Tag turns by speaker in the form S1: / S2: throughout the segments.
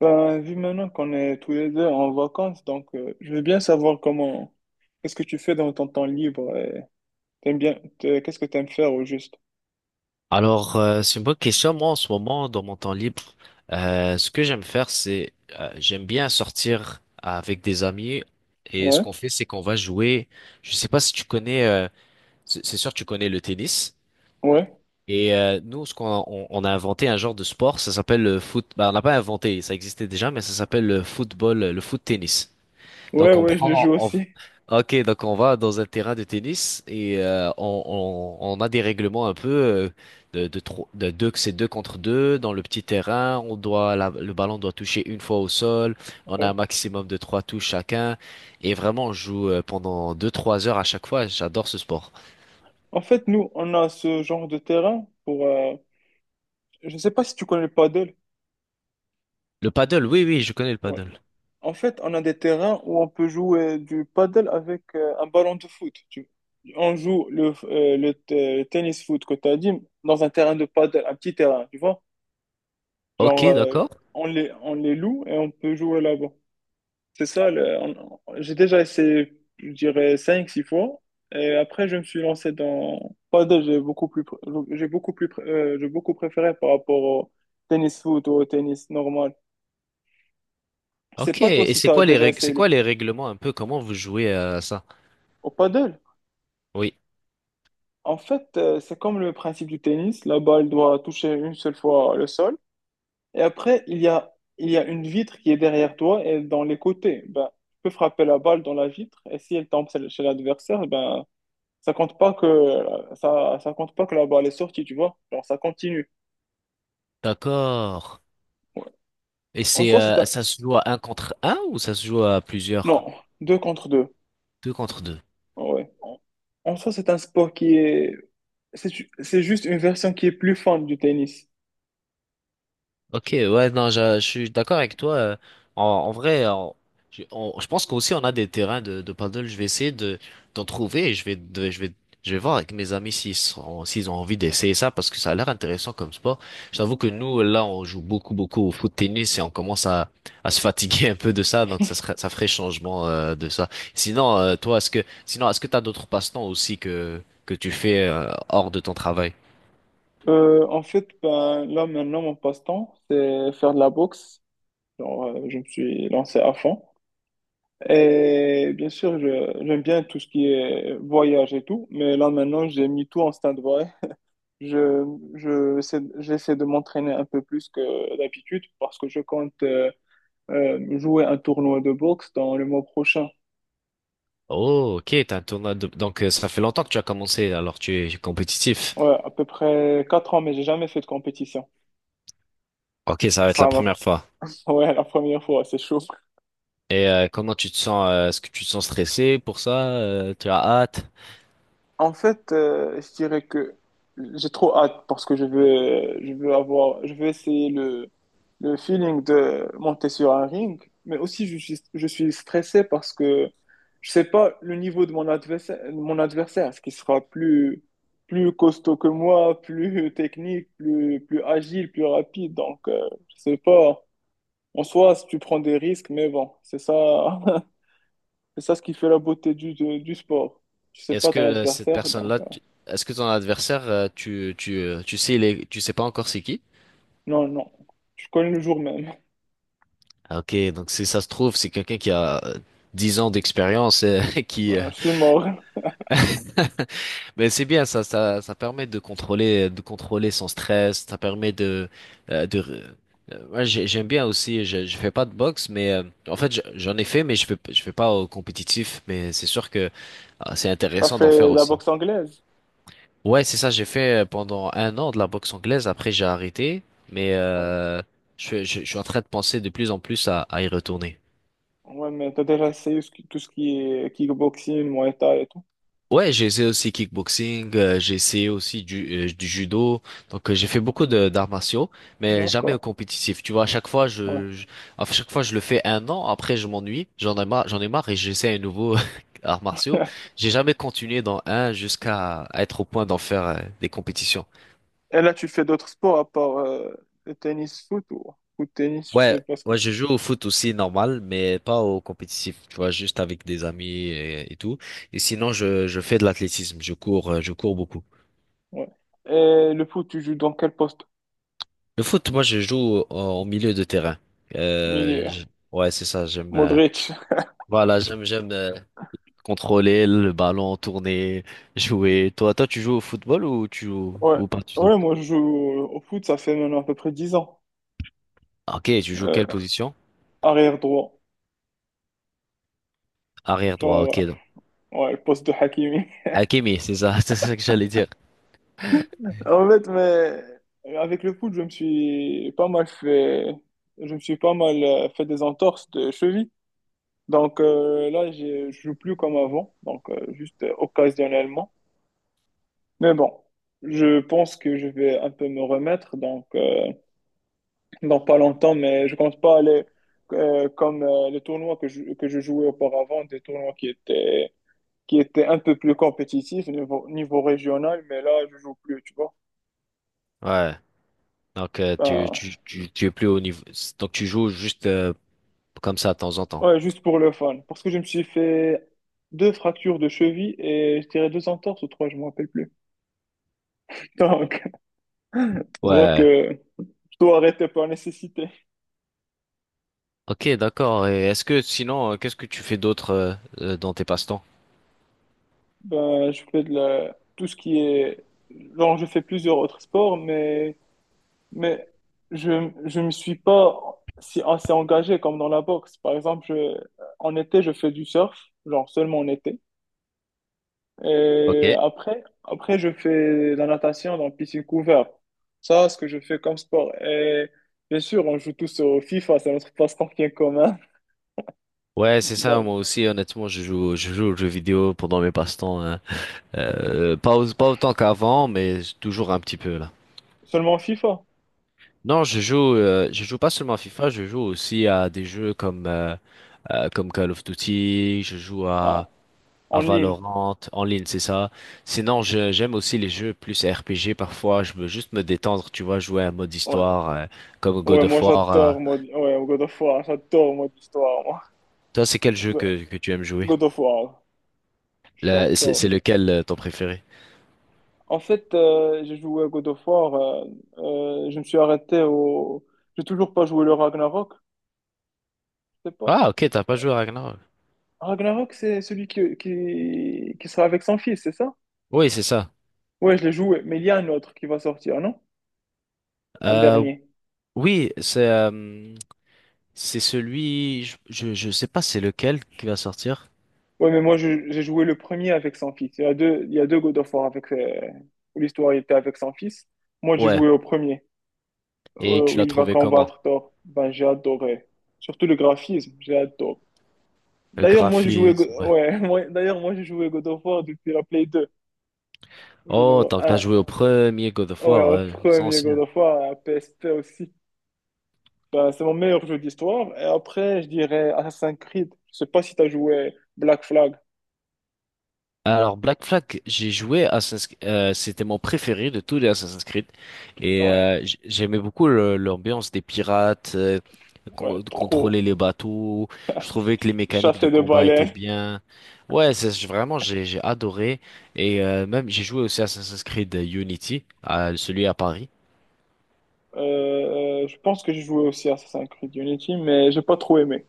S1: Vu maintenant qu'on est tous les deux en vacances, donc je veux bien savoir qu'est-ce que tu fais dans ton temps libre et t'aimes bien, qu'est-ce que t'aimes faire au juste?
S2: C'est une bonne question. Moi, en ce moment, dans mon temps libre, ce que j'aime faire, c'est j'aime bien sortir avec des amis. Et ce
S1: Ouais,
S2: qu'on fait, c'est qu'on va jouer. Je sais pas si tu connais. C'est sûr, tu connais le tennis.
S1: ouais,
S2: Et nous, on a inventé un genre de sport, ça s'appelle le foot. Bah, on n'a pas inventé, ça existait déjà, mais ça s'appelle le football, le foot tennis.
S1: ouais,
S2: Donc on
S1: ouais, je le
S2: prend,
S1: joue
S2: on-
S1: aussi.
S2: ok, donc on va dans un terrain de tennis et on a des règlements un peu de deux, que c'est deux contre deux dans le petit terrain. Le ballon doit toucher une fois au sol. On a un
S1: Ouais.
S2: maximum de trois touches chacun et vraiment on joue pendant deux, trois heures à chaque fois. J'adore ce sport.
S1: En fait, nous, on a ce genre de terrain pour, je sais pas si tu connais le paddle.
S2: Le paddle, oui, oui, je connais le
S1: Ouais.
S2: paddle.
S1: En fait, on a des terrains où on peut jouer du paddle avec un ballon de foot. On joue le tennis foot que tu as dit dans un terrain de paddle, un petit terrain, tu vois? Genre,
S2: Ok, d'accord.
S1: on les loue et on peut jouer là-bas. C'est ça, j'ai déjà essayé, je dirais, cinq six fois. Et après, je me suis lancé dans 3D, j'ai beaucoup plus, pr- j'ai beaucoup plus, pr- j'ai beaucoup préféré par rapport au tennis foot ou au tennis normal. Je sais
S2: Ok,
S1: pas toi
S2: et
S1: si
S2: c'est
S1: tu as
S2: quoi les
S1: déjà
S2: règles, c'est
S1: essayé
S2: quoi
S1: le
S2: les règlements un peu? Comment vous jouez à ça?
S1: au paddle.
S2: Oui,
S1: En fait, c'est comme le principe du tennis. La balle doit toucher une seule fois le sol. Et après, il y a une vitre qui est derrière toi et dans les côtés. Ben, tu peux frapper la balle dans la vitre et si elle tombe chez l'adversaire, ben, ça compte pas que, ça compte pas que la balle est sortie, tu vois. Alors, ça continue.
S2: d'accord. Et
S1: En
S2: c'est
S1: soi, c'est un,
S2: ça se joue à un contre un ou ça se joue à plusieurs?
S1: non, deux contre deux.
S2: Deux contre deux.
S1: Ouais. En soi, c'est un sport qui est... C'est juste une version qui est plus fun du tennis.
S2: Ok, ouais, non, je suis d'accord avec toi. En, en vrai, en- je on- Je pense qu'aussi on a des terrains de paddle. Je vais essayer de d'en trouver. Je vais, je vais voir avec mes amis s'ils ont envie d'essayer ça parce que ça a l'air intéressant comme sport. Je t'avoue que nous, là, on joue beaucoup, beaucoup au foot tennis et on commence à se fatiguer un peu de ça, donc ça serait, ça ferait changement de ça. Sinon, toi, est-ce que t'as d'autres passe-temps aussi que tu fais hors de ton travail?
S1: En fait, ben, là maintenant, mon passe-temps, c'est faire de la boxe. Genre, je me suis lancé à fond. Et bien sûr, j'aime bien tout ce qui est voyage et tout, mais là maintenant, j'ai mis tout en stand-by. Je, J'essaie de m'entraîner un peu plus que d'habitude parce que je compte jouer un tournoi de boxe dans le mois prochain.
S2: Oh, ok, t'as un tournoi de... Donc, ça fait longtemps que tu as commencé, alors tu es compétitif.
S1: Ouais, à peu près 4 ans, mais j'ai jamais fait de compétition.
S2: Ok, ça va
S1: Ça
S2: être la
S1: sera ma-
S2: première fois.
S1: Ouais, la première fois, c'est chaud.
S2: Et comment tu te sens? Est-ce que tu te sens stressé pour ça? Tu as hâte?
S1: En fait, je dirais que j'ai trop hâte parce que je veux essayer le feeling de monter sur un ring, mais aussi je suis stressé parce que je sais pas le niveau de mon adversaire, ce qui sera plus costaud que moi, plus technique, plus agile, plus rapide. Donc, je sais pas. En soi, si tu prends des risques, mais bon, c'est ça, c'est ça ce qui fait la beauté du sport. Tu sais
S2: Est-ce
S1: pas
S2: que
S1: ton
S2: cette
S1: adversaire,
S2: personne-là,
S1: donc.
S2: tu- est-ce que ton adversaire, tu sais, il est... tu sais pas encore c'est qui?
S1: Non, non. Je connais le jour même.
S2: Ah, ok, donc si ça se trouve, c'est quelqu'un qui a 10 ans d'expérience, qui,
S1: Ben, je suis mort.
S2: Mais c'est bien, ça permet de contrôler son stress, ça permet de, euh, de, ouais, j'aime bien aussi, je fais pas de boxe, mais euh, j'en ai fait, mais je fais pas au compétitif, mais c'est sûr que ah, c'est
S1: T'as
S2: intéressant
S1: fait
S2: d'en faire
S1: de la
S2: aussi.
S1: boxe anglaise?
S2: Ouais, c'est ça, j'ai fait pendant un an de la boxe anglaise, après j'ai arrêté, mais
S1: Ouais.
S2: euh, je suis en train de penser de plus en plus à y retourner.
S1: Ouais, mais t'as déjà essayé tout ce qui est kickboxing, Muay Thai et tout?
S2: Ouais, j'ai essayé aussi kickboxing, j'ai essayé aussi du judo. Donc j'ai fait beaucoup de d'arts martiaux, mais jamais au
S1: D'accord.
S2: compétitif. Tu vois,
S1: Ouais.
S2: à chaque fois je le fais un an, après je m'ennuie, j'en ai marre et j'essaie un nouveau arts martiaux. J'ai jamais continué dans un jusqu'à à être au point d'en faire des compétitions.
S1: Et là, tu fais d'autres sports à part le tennis, foot ou foot, tennis, je sais
S2: Ouais,
S1: pas ce que
S2: ouais,
S1: tu...
S2: je joue au foot aussi normal, mais pas au compétitif. Tu vois, juste avec des amis et tout. Et sinon je fais de l'athlétisme, je cours beaucoup.
S1: Ouais. Et le foot, tu joues dans quel poste?
S2: Le foot, moi, je joue au milieu de terrain. Euh,
S1: Milieu.
S2: je- ouais, c'est ça.
S1: Modric.
S2: Voilà, j'aime contrôler le ballon, tourner, jouer. Toi, tu joues au football ou tu joues
S1: Ouais.
S2: ou pas du tout?
S1: Ouais, moi, je joue au foot, ça fait maintenant à peu près 10 ans.
S2: Ah, ok, tu joues quelle
S1: Euh,
S2: position?
S1: arrière droit.
S2: Arrière droit. Ok,
S1: Genre,
S2: donc
S1: ouais, le poste de Hakimi.
S2: Hakimi, c'est ça, c'est ça que j'allais dire.
S1: En fait, mais avec le foot, je me suis pas mal fait des entorses de cheville. Donc là, je joue plus comme avant, donc juste occasionnellement. Mais bon, je pense que je vais un peu me remettre, donc dans pas longtemps, mais je compte pas aller comme les tournois que je jouais auparavant, des tournois qui étaient un peu plus compétitifs niveau régional, mais là, je joue plus, tu vois.
S2: Ouais. Donc,
S1: Enfin,
S2: tu es plus au niveau. Donc, tu joues juste comme ça de temps en temps.
S1: ouais, juste pour le fun. Parce que je me suis fait deux fractures de cheville et je dirais deux entorses ou trois, je me rappelle plus. Donc, ça se voit
S2: Ouais.
S1: que je dois arrêter par nécessité.
S2: Ok, d'accord. Et est-ce que sinon, qu'est-ce que tu fais d'autre dans tes passe-temps?
S1: Ben, je fais de la... tout ce qui est... Genre, je fais plusieurs autres sports, mais je me suis pas si assez engagé comme dans la boxe. Par exemple, je... en été, je fais du surf, genre seulement en été.
S2: Ok.
S1: Et après, je fais de la natation dans la piscine couverte. Ça, ce que je fais comme sport. Et bien sûr, on joue tous au FIFA, c'est notre passe-temps qui est commun.
S2: Ouais, c'est ça,
S1: Donc,
S2: moi aussi, honnêtement, je joue aux jeux vidéo pendant mes passe-temps. Hein. Pas autant qu'avant, mais toujours un petit peu là.
S1: seulement FIFA?
S2: Non, je joue pas seulement à FIFA, je joue aussi à des jeux comme comme Call of Duty,
S1: Ah,
S2: à
S1: en ligne.
S2: Valorant, en ligne, c'est ça. Sinon, j'aime aussi les jeux plus RPG parfois, je veux juste me détendre, tu vois, jouer à un mode
S1: Ouais,
S2: histoire, comme
S1: ouais
S2: God
S1: moi
S2: of War. Euh.
S1: j'adore mode... ouais, God of War, j'adore mode histoire, moi.
S2: Toi, c'est quel jeu
S1: Ouais,
S2: que tu aimes jouer?
S1: God of War,
S2: C'est
S1: j'adore.
S2: lequel ton préféré?
S1: En fait, j'ai joué à God of War, je me suis arrêté au... J'ai toujours pas joué le Ragnarok, je sais pas.
S2: Ah, ok, t'as pas joué à Ragnarok.
S1: Ragnarok, c'est celui qui sera avec son fils, c'est ça?
S2: Oui, c'est ça.
S1: Ouais, je l'ai joué, mais il y a un autre qui va sortir, non? Un
S2: Euh,
S1: dernier.
S2: oui, c'est euh, c'est celui, je sais pas c'est lequel qui va sortir.
S1: Ouais, mais moi, j'ai joué le premier avec son fils. Il y a deux God of War où l'histoire était avec son fils. Moi, j'ai
S2: Ouais.
S1: joué au premier,
S2: Et
S1: où
S2: tu l'as
S1: il va
S2: trouvé comment?
S1: combattre Thor. Ben, j'ai adoré. Surtout le graphisme, j'ai adoré.
S2: Le
S1: D'ailleurs, moi, j'ai joué,
S2: graphisme, ouais.
S1: ouais, d'ailleurs, moi, j'ai joué God of War depuis la Play deux. God of
S2: Oh,
S1: War
S2: tant que t'as
S1: un.
S2: joué au premier God of
S1: Ouais,
S2: War,
S1: au
S2: ouais, les
S1: premier God
S2: anciens.
S1: of War, à PSP aussi. Ben, c'est mon meilleur jeu d'histoire. Et après, je dirais Assassin's Creed. Je sais pas si t'as joué Black Flag.
S2: Alors Black Flag, j'ai joué Assassin's, c'était mon préféré de tous les Assassin's Creed et
S1: Ouais,
S2: j'aimais beaucoup l'ambiance des pirates, euh,
S1: ouais,
S2: de
S1: trop.
S2: contrôler les bateaux. Je trouvais que les mécaniques de
S1: Chassé de
S2: combat étaient
S1: balais.
S2: bien. Ouais, vraiment j'ai adoré et même j'ai joué aussi Assassin's Creed Unity, à, celui à Paris.
S1: Je pense que j'ai joué aussi à Assassin's Creed Unity, mais j'ai pas trop aimé.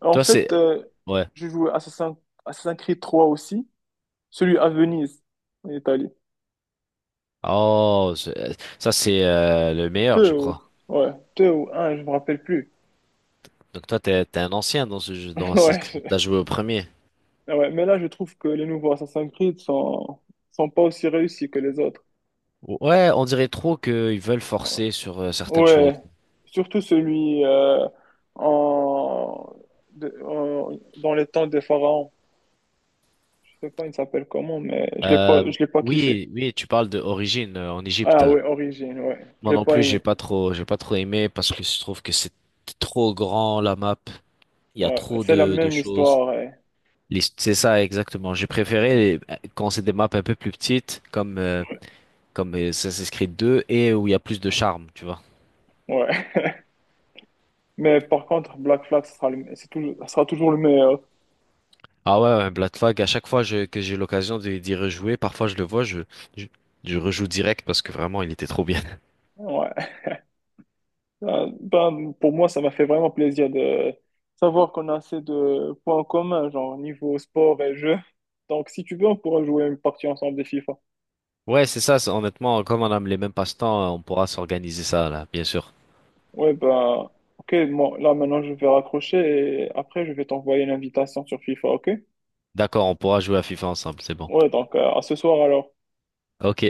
S1: En
S2: Toi c'est
S1: fait,
S2: ouais.
S1: j'ai joué Assassin's Creed trois aussi, celui à Venise, en Italie.
S2: Oh, ça c'est le meilleur,
S1: Deux,
S2: je crois.
S1: ouais, deux ou un, je me rappelle plus.
S2: Donc toi t'es un ancien dans ce jeu, dans Assassin's
S1: Ouais,
S2: Creed. T'as joué au premier.
S1: ouais, mais là, je trouve que les nouveaux Assassin's Creed sont pas aussi réussis que les autres.
S2: Ouais, on dirait trop qu'ils veulent
S1: Ouais.
S2: forcer sur certaines choses.
S1: Ouais, surtout celui en, de- en- dans les temps des pharaons. Je sais pas, il s'appelle comment, mais je l'ai
S2: Euh,
S1: pas, je l'ai pas kiffé.
S2: oui, oui, tu parles de d'origine en Égypte.
S1: Ah ouais, Origine, ouais, je
S2: Moi
S1: l'ai
S2: non
S1: pas
S2: plus,
S1: aimé.
S2: j'ai pas trop aimé parce que je trouve que c'est trop grand la map. Il y a
S1: Ouais,
S2: trop
S1: c'est la
S2: de
S1: même
S2: choses.
S1: histoire. Ouais.
S2: C'est ça exactement. J'ai préféré quand c'est des maps un peu plus petites, comme Assassin's Creed 2 et où il y a plus de charme, tu vois.
S1: Ouais. Mais par contre, Black Flag, ce sera toujours le meilleur.
S2: Ah ouais, ouais, Black Flag. À chaque fois je- Que j'ai l'occasion d'y rejouer, parfois je le vois, je je rejoue direct parce que vraiment il était trop bien.
S1: Ouais. Ben, pour moi, ça m'a fait vraiment plaisir de savoir qu'on a assez de points communs, genre niveau sport et jeu. Donc, si tu veux, on pourra jouer une partie ensemble des FIFA.
S2: Ouais, c'est ça. Honnêtement, comme on a les mêmes passe-temps, on pourra s'organiser ça, là, bien sûr.
S1: Ouais, bah, ok, moi, là, maintenant, je vais raccrocher et après, je vais t'envoyer une invitation sur FIFA, ok?
S2: D'accord, on pourra jouer à FIFA ensemble, c'est bon.
S1: Ouais, donc, à ce soir, alors.
S2: Ok.